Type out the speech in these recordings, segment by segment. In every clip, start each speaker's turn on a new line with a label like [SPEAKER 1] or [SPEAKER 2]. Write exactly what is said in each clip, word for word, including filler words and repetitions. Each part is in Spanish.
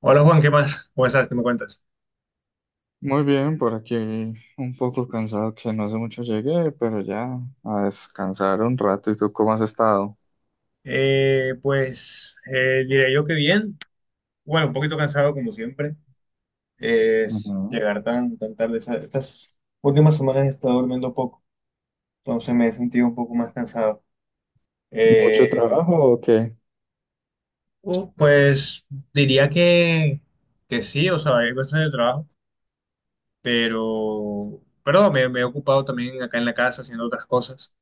[SPEAKER 1] Hola Juan, ¿qué más? ¿Cómo estás? ¿Qué me cuentas?
[SPEAKER 2] Muy bien, por aquí un poco cansado que no hace mucho llegué, pero ya a descansar un rato. ¿Y tú cómo has estado?
[SPEAKER 1] Eh, pues eh, diré yo que bien. Bueno, un poquito cansado como siempre. Es
[SPEAKER 2] Ujú.
[SPEAKER 1] llegar tan, tan tarde. Esta- Estas últimas semanas he estado durmiendo poco, entonces me he sentido un poco más cansado. Eh,
[SPEAKER 2] ¿Mucho trabajo o qué?
[SPEAKER 1] uh, pues diría que, que sí, o sea, hay cuestiones de trabajo, pero, pero no, me, me he ocupado también acá en la casa haciendo otras cosas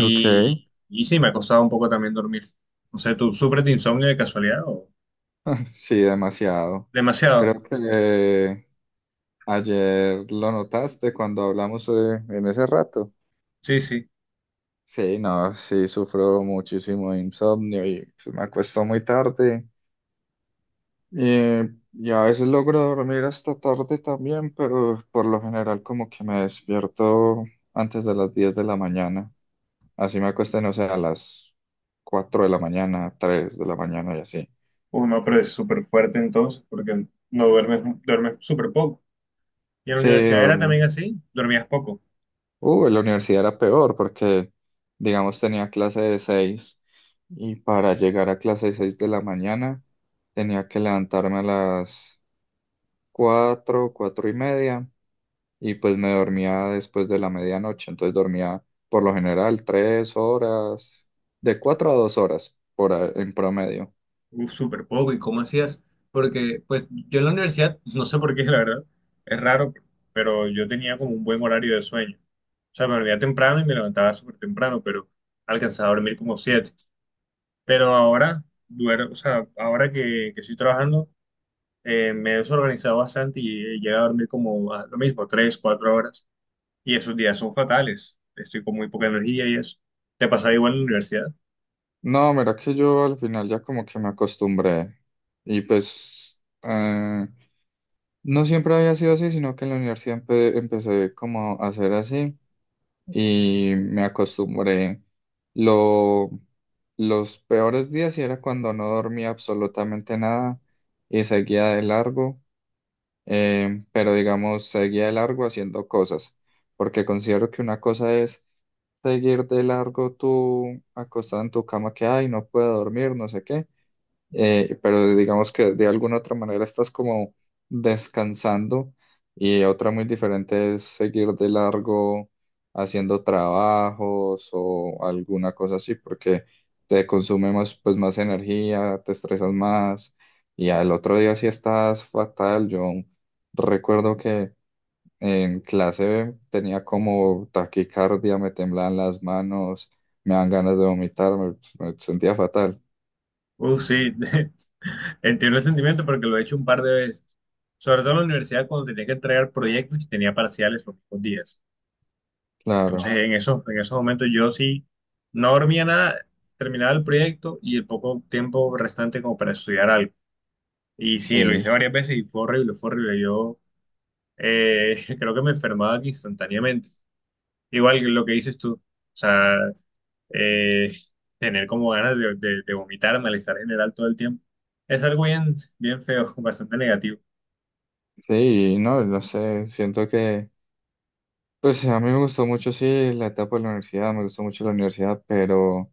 [SPEAKER 2] Ok,
[SPEAKER 1] y sí, me ha costado un poco también dormir. No sé, ¿tú sufres de insomnio de casualidad o...?
[SPEAKER 2] sí, demasiado.
[SPEAKER 1] Demasiado.
[SPEAKER 2] Creo que ayer lo notaste cuando hablamos eh, en ese rato.
[SPEAKER 1] Sí, sí.
[SPEAKER 2] Sí, no, sí, sufro muchísimo de insomnio y pues, me acuesto muy tarde. Eh, y a veces logro dormir hasta tarde también, pero por lo general como que me despierto antes de las diez de la mañana. Así me acuesto, no sé, a las cuatro de la mañana, tres de la mañana y así.
[SPEAKER 1] Uy, no, pero es súper fuerte entonces, porque no duermes, duermes súper poco. Y en la
[SPEAKER 2] Sí,
[SPEAKER 1] universidad era también
[SPEAKER 2] dorm-
[SPEAKER 1] así, dormías poco.
[SPEAKER 2] uh, en la universidad era peor porque, digamos, tenía clase de seis y para llegar a clase de seis de la mañana tenía que levantarme a las cuatro cuatro y media y pues me dormía después de la medianoche, entonces dormía por lo general tres horas, de cuatro a dos horas por a- en promedio.
[SPEAKER 1] Uf, súper poco. ¿Y cómo hacías? Porque, pues, yo en la universidad, no sé por qué, la verdad, es raro, pero yo tenía como un buen horario de sueño. O sea, me dormía temprano y me levantaba súper temprano, pero alcanzaba a dormir como siete. Pero ahora, duermo, o sea, ahora que, que estoy trabajando, eh, me he desorganizado bastante y he llegado a dormir como a lo mismo, tres, cuatro horas. Y esos días son fatales. Estoy con muy poca energía y eso. ¿Te pasaba igual en la universidad?
[SPEAKER 2] No, mira que yo al final ya como que me acostumbré y pues eh, no siempre había sido así, sino que en la universidad empe- empecé como a hacer así y me acostumbré. Lo, los peores días sí era cuando no dormía absolutamente nada y seguía de largo. Eh, pero digamos, seguía de largo haciendo cosas, porque considero que una cosa es seguir de largo tú acostado en tu cama que, ay, no puedo dormir, no sé qué eh, pero digamos que de alguna otra manera estás como descansando y otra muy diferente es seguir de largo haciendo trabajos o alguna cosa así porque te consume más, pues, más energía, te estresas más y al otro día sí estás fatal. Yo recuerdo que en clase tenía como taquicardia, me temblaban las manos, me dan ganas de vomitar, me me sentía fatal.
[SPEAKER 1] Uh, sí, entiendo el sentimiento porque lo he hecho un par de veces. Sobre todo en la universidad cuando tenía que entregar proyectos y tenía parciales los mismos días.
[SPEAKER 2] Claro,
[SPEAKER 1] Entonces, en esos, en esos momentos yo sí no dormía nada, terminaba el proyecto y el poco tiempo restante como para estudiar algo. Y sí, lo hice
[SPEAKER 2] sí.
[SPEAKER 1] varias veces y fue horrible, fue horrible. Yo eh, creo que me enfermaba instantáneamente. Igual que lo que dices tú. O sea, eh, tener como ganas de, de, de vomitar, malestar general todo el tiempo. Es algo bien, bien feo, bastante negativo.
[SPEAKER 2] Sí, no, no sé, siento que, pues a mí me gustó mucho, sí, la etapa de la universidad, me gustó mucho la universidad, pero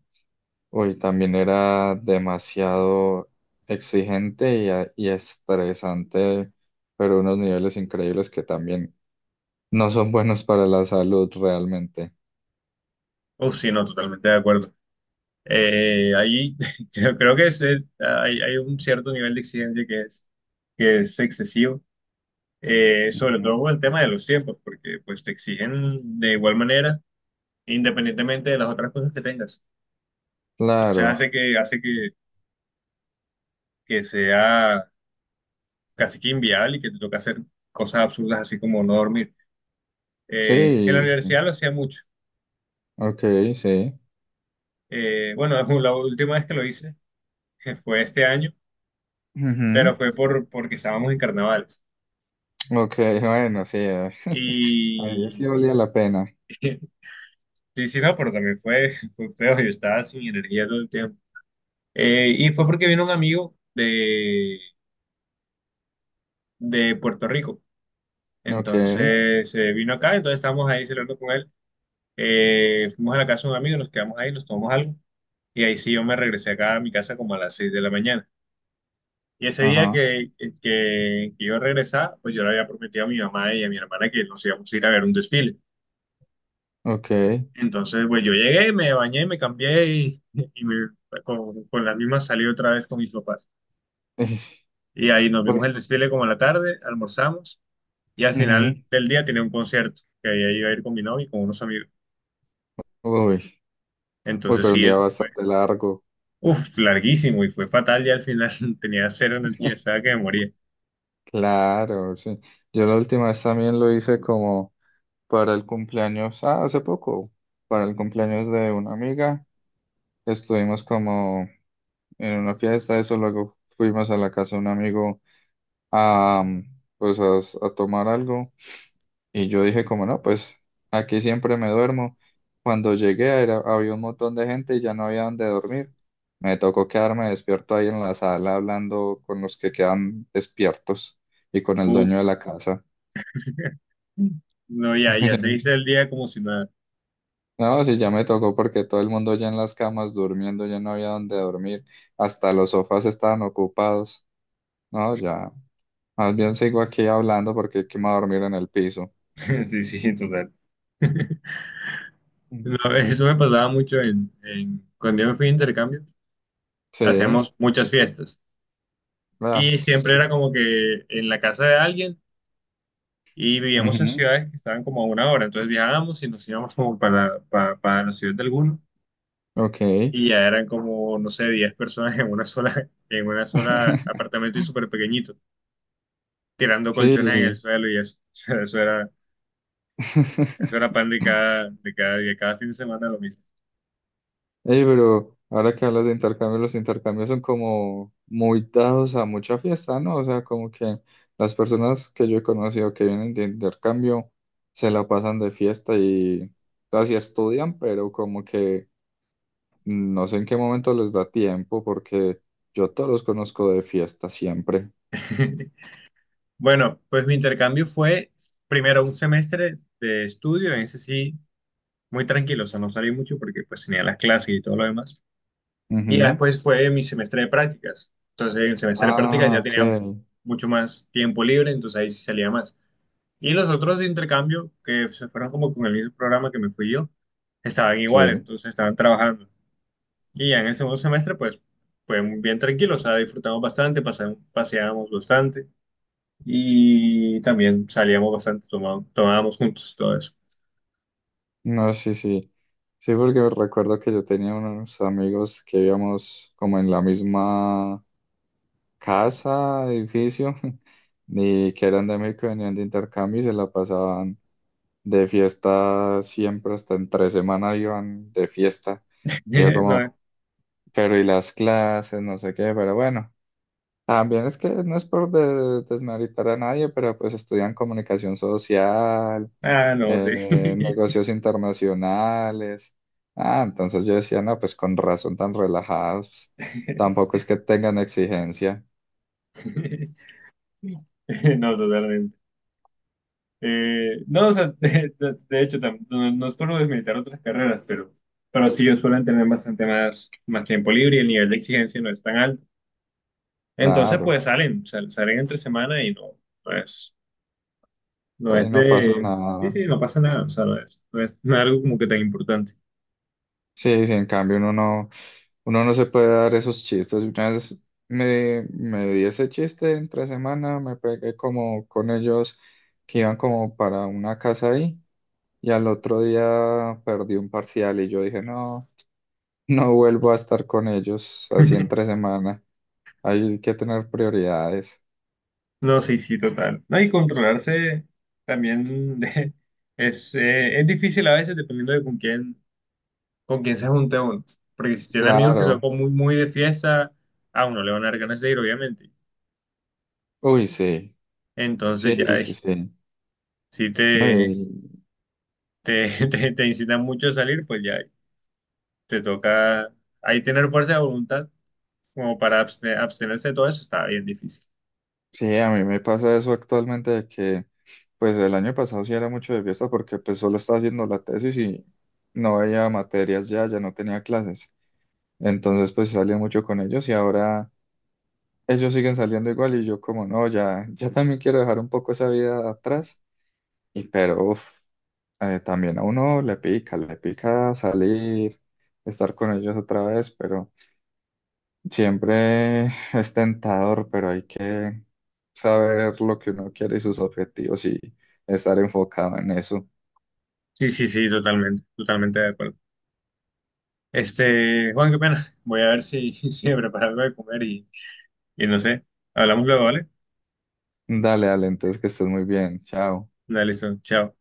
[SPEAKER 2] hoy también era demasiado exigente y, a- y estresante, pero unos niveles increíbles que también no son buenos para la salud realmente.
[SPEAKER 1] Uf, sí, no, totalmente de acuerdo. Eh, ahí creo, creo que es, eh, hay, hay un cierto nivel de exigencia que es, que es excesivo, eh, sobre
[SPEAKER 2] Ujú.
[SPEAKER 1] todo con el tema de los tiempos, porque pues te exigen de igual manera, independientemente de las otras cosas que tengas. O sea,
[SPEAKER 2] Claro,
[SPEAKER 1] hace que, hace que, que sea casi que inviable y que te toque hacer cosas absurdas así como no dormir. Eh, en la
[SPEAKER 2] sí,
[SPEAKER 1] universidad lo hacía mucho.
[SPEAKER 2] ok, sí.
[SPEAKER 1] Eh, bueno, la última vez que lo hice fue este año,
[SPEAKER 2] Ujú.
[SPEAKER 1] pero fue por, porque estábamos en carnavales.
[SPEAKER 2] Ok, bueno, sí, eh, ahí
[SPEAKER 1] Y
[SPEAKER 2] sí valía la pena.
[SPEAKER 1] sí, sí, no, pero también fue, fue feo, yo estaba sin energía todo el tiempo. Eh, y fue porque vino un amigo de, de Puerto Rico.
[SPEAKER 2] Ok,
[SPEAKER 1] Entonces eh, vino acá, entonces estábamos ahí celebrando con él. Eh, fuimos a la casa de un amigo, nos quedamos ahí, nos tomamos algo. Y ahí sí yo me regresé acá a mi casa como a las seis de la mañana. Y ese día
[SPEAKER 2] ajá,
[SPEAKER 1] que, que, que yo regresaba, pues yo le había prometido a mi mamá y a mi hermana que nos íbamos a ir a ver un desfile.
[SPEAKER 2] ok.
[SPEAKER 1] Entonces, pues yo llegué, me bañé, me cambié y, y me- con, con las mismas salí otra vez con mis papás. Y ahí nos vimos el
[SPEAKER 2] Uy,
[SPEAKER 1] desfile como a la tarde, almorzamos y al
[SPEAKER 2] ujú,
[SPEAKER 1] final del día tenía un concierto que ahí iba a ir con mi novio y con unos amigos.
[SPEAKER 2] uy, uy,
[SPEAKER 1] Entonces,
[SPEAKER 2] pero un
[SPEAKER 1] sí,
[SPEAKER 2] día
[SPEAKER 1] eso fue,
[SPEAKER 2] bastante largo.
[SPEAKER 1] uf, larguísimo y fue fatal ya al final tenía cero energía, estaba que me moría.
[SPEAKER 2] Claro, sí. Yo la última vez también lo hice como para el cumpleaños, ah, hace poco, para el cumpleaños de una amiga. Estuvimos como en una fiesta, eso, luego fuimos a la casa de un amigo a, mm, pues a, a tomar algo. Y yo dije como no, pues aquí siempre me duermo. Cuando llegué, era- había un montón de gente y ya no había dónde dormir. Me tocó quedarme despierto ahí en la sala hablando con los que quedan despiertos y con el
[SPEAKER 1] Uf,
[SPEAKER 2] dueño de la casa.
[SPEAKER 1] no, ya, ya se hizo el día como si nada.
[SPEAKER 2] No, sí, ya me tocó porque todo el mundo ya en las camas durmiendo, ya no había dónde dormir. Hasta los sofás estaban ocupados. No, ya. Más bien sigo aquí hablando porque qué me voy a dormir en el piso.
[SPEAKER 1] Sí, sí, total.
[SPEAKER 2] Mm.
[SPEAKER 1] No, eso me pasaba mucho en, en- cuando yo me fui de intercambio,
[SPEAKER 2] Sí,
[SPEAKER 1] hacíamos muchas fiestas
[SPEAKER 2] ah,
[SPEAKER 1] y siempre era
[SPEAKER 2] sí.
[SPEAKER 1] como que en la casa de alguien y vivíamos en
[SPEAKER 2] Ujú,
[SPEAKER 1] ciudades que estaban como a una hora, entonces viajábamos y nos íbamos como para, para, para la ciudad de alguno
[SPEAKER 2] ok.
[SPEAKER 1] y ya eran como, no sé, diez personas en una sola, en una sola apartamento y súper pequeñito, tirando colchones en el
[SPEAKER 2] Sí.
[SPEAKER 1] suelo y eso, o sea, eso era, eso era pan de cada, de cada día, cada fin de semana lo mismo.
[SPEAKER 2] Ey, pero ahora que hablas de intercambios, los intercambios son como muy dados a mucha fiesta, ¿no? O sea, como que las personas que yo he conocido que vienen de intercambio se la pasan de fiesta y casi estudian, pero como que no sé en qué momento les da tiempo, porque yo todos los conozco de fiesta siempre.
[SPEAKER 1] Bueno, pues mi intercambio fue primero un semestre de estudio, en ese sí, muy tranquilo, o sea, no salí mucho porque pues tenía las clases y todo lo demás. Y ya
[SPEAKER 2] Ujú.
[SPEAKER 1] después fue mi semestre de prácticas. Entonces, en el semestre de prácticas
[SPEAKER 2] Ah,
[SPEAKER 1] ya
[SPEAKER 2] ok.
[SPEAKER 1] tenía mucho más tiempo libre, entonces ahí sí salía más. Y los otros de intercambio, que se fueron como con el mismo programa que me fui yo, estaban
[SPEAKER 2] Sí.
[SPEAKER 1] igual, entonces estaban trabajando. Y ya en el segundo semestre, pues, fue muy bien tranquilo, o sea, disfrutamos bastante, pasamos, paseábamos bastante. Y también salíamos bastante, tomá- tomábamos juntos, todo eso.
[SPEAKER 2] No, sí, sí. Sí, porque recuerdo que yo tenía unos amigos que vivíamos como en la misma casa, edificio, y que eran de México, y venían de intercambio y se la pasaban de fiesta siempre, hasta en tres semanas iban de fiesta. Y yo como, pero y las clases, no sé qué, pero bueno. También es que no es por de- desmeritar a nadie, pero pues estudian comunicación social,
[SPEAKER 1] No, ah, no, sí.
[SPEAKER 2] eh, negocios internacionales. Ah, entonces yo decía, no, pues con razón tan relajados, tampoco es que tengan exigencia,
[SPEAKER 1] No, totalmente. Eh, no, o sea, de, de- de hecho, tam- no, no es por desmilitar otras carreras, pero, pero sí ellos suelen tener bastante más, más tiempo libre y el nivel de exigencia no es tan alto. Entonces,
[SPEAKER 2] claro,
[SPEAKER 1] pues salen, sal- salen entre semana y no, no es, no
[SPEAKER 2] ahí
[SPEAKER 1] es
[SPEAKER 2] no pasa
[SPEAKER 1] de... Sí,
[SPEAKER 2] nada.
[SPEAKER 1] sí, no pasa nada, o sea, no es, no es, no es algo como que tan importante.
[SPEAKER 2] Sí, sí, en cambio uno no, uno no se puede dar esos chistes. Una vez me, me di ese chiste entre semana, me pegué como con ellos que iban como para una casa ahí y al otro día perdí un parcial y yo dije, no, no vuelvo a estar con ellos así entre semana. Hay que tener prioridades.
[SPEAKER 1] No, sí, sí, total. No, y controlarse también de- es, eh, es difícil a veces dependiendo de con quién, con quién se junte uno. Porque si tiene amigos que son
[SPEAKER 2] Claro.
[SPEAKER 1] como muy, muy de fiesta, a uno le van a dar ganas de ir, obviamente.
[SPEAKER 2] Uy, sí.
[SPEAKER 1] Entonces
[SPEAKER 2] Sí,
[SPEAKER 1] ya
[SPEAKER 2] sí,
[SPEAKER 1] eh,
[SPEAKER 2] sí.
[SPEAKER 1] si
[SPEAKER 2] No,
[SPEAKER 1] te,
[SPEAKER 2] y-
[SPEAKER 1] te, te, te incitan mucho a salir, pues ya te toca ahí tener fuerza de voluntad como para abste- abstenerse de todo eso, está bien difícil.
[SPEAKER 2] sí, a mí me pasa eso actualmente de que, pues el año pasado sí era mucho de fiesta porque pues solo estaba haciendo la tesis y no veía materias ya, ya no tenía clases. Entonces pues salía mucho con ellos y ahora ellos siguen saliendo igual y yo como no, ya, ya también quiero dejar un poco esa vida atrás. Y pero, uf, eh, también a uno le pica, le pica salir, estar con ellos otra vez, pero. Siempre es tentador, pero hay que saber lo que uno quiere y sus objetivos y estar enfocado en eso.
[SPEAKER 1] Sí, sí, sí, totalmente, totalmente de acuerdo. Este, Juan, qué pena. Voy a ver si, si me preparo algo de comer y... Y no sé, hablamos luego, ¿vale?
[SPEAKER 2] Dale, dale, entonces que estés muy bien. Chao.
[SPEAKER 1] Dale, listo, chao.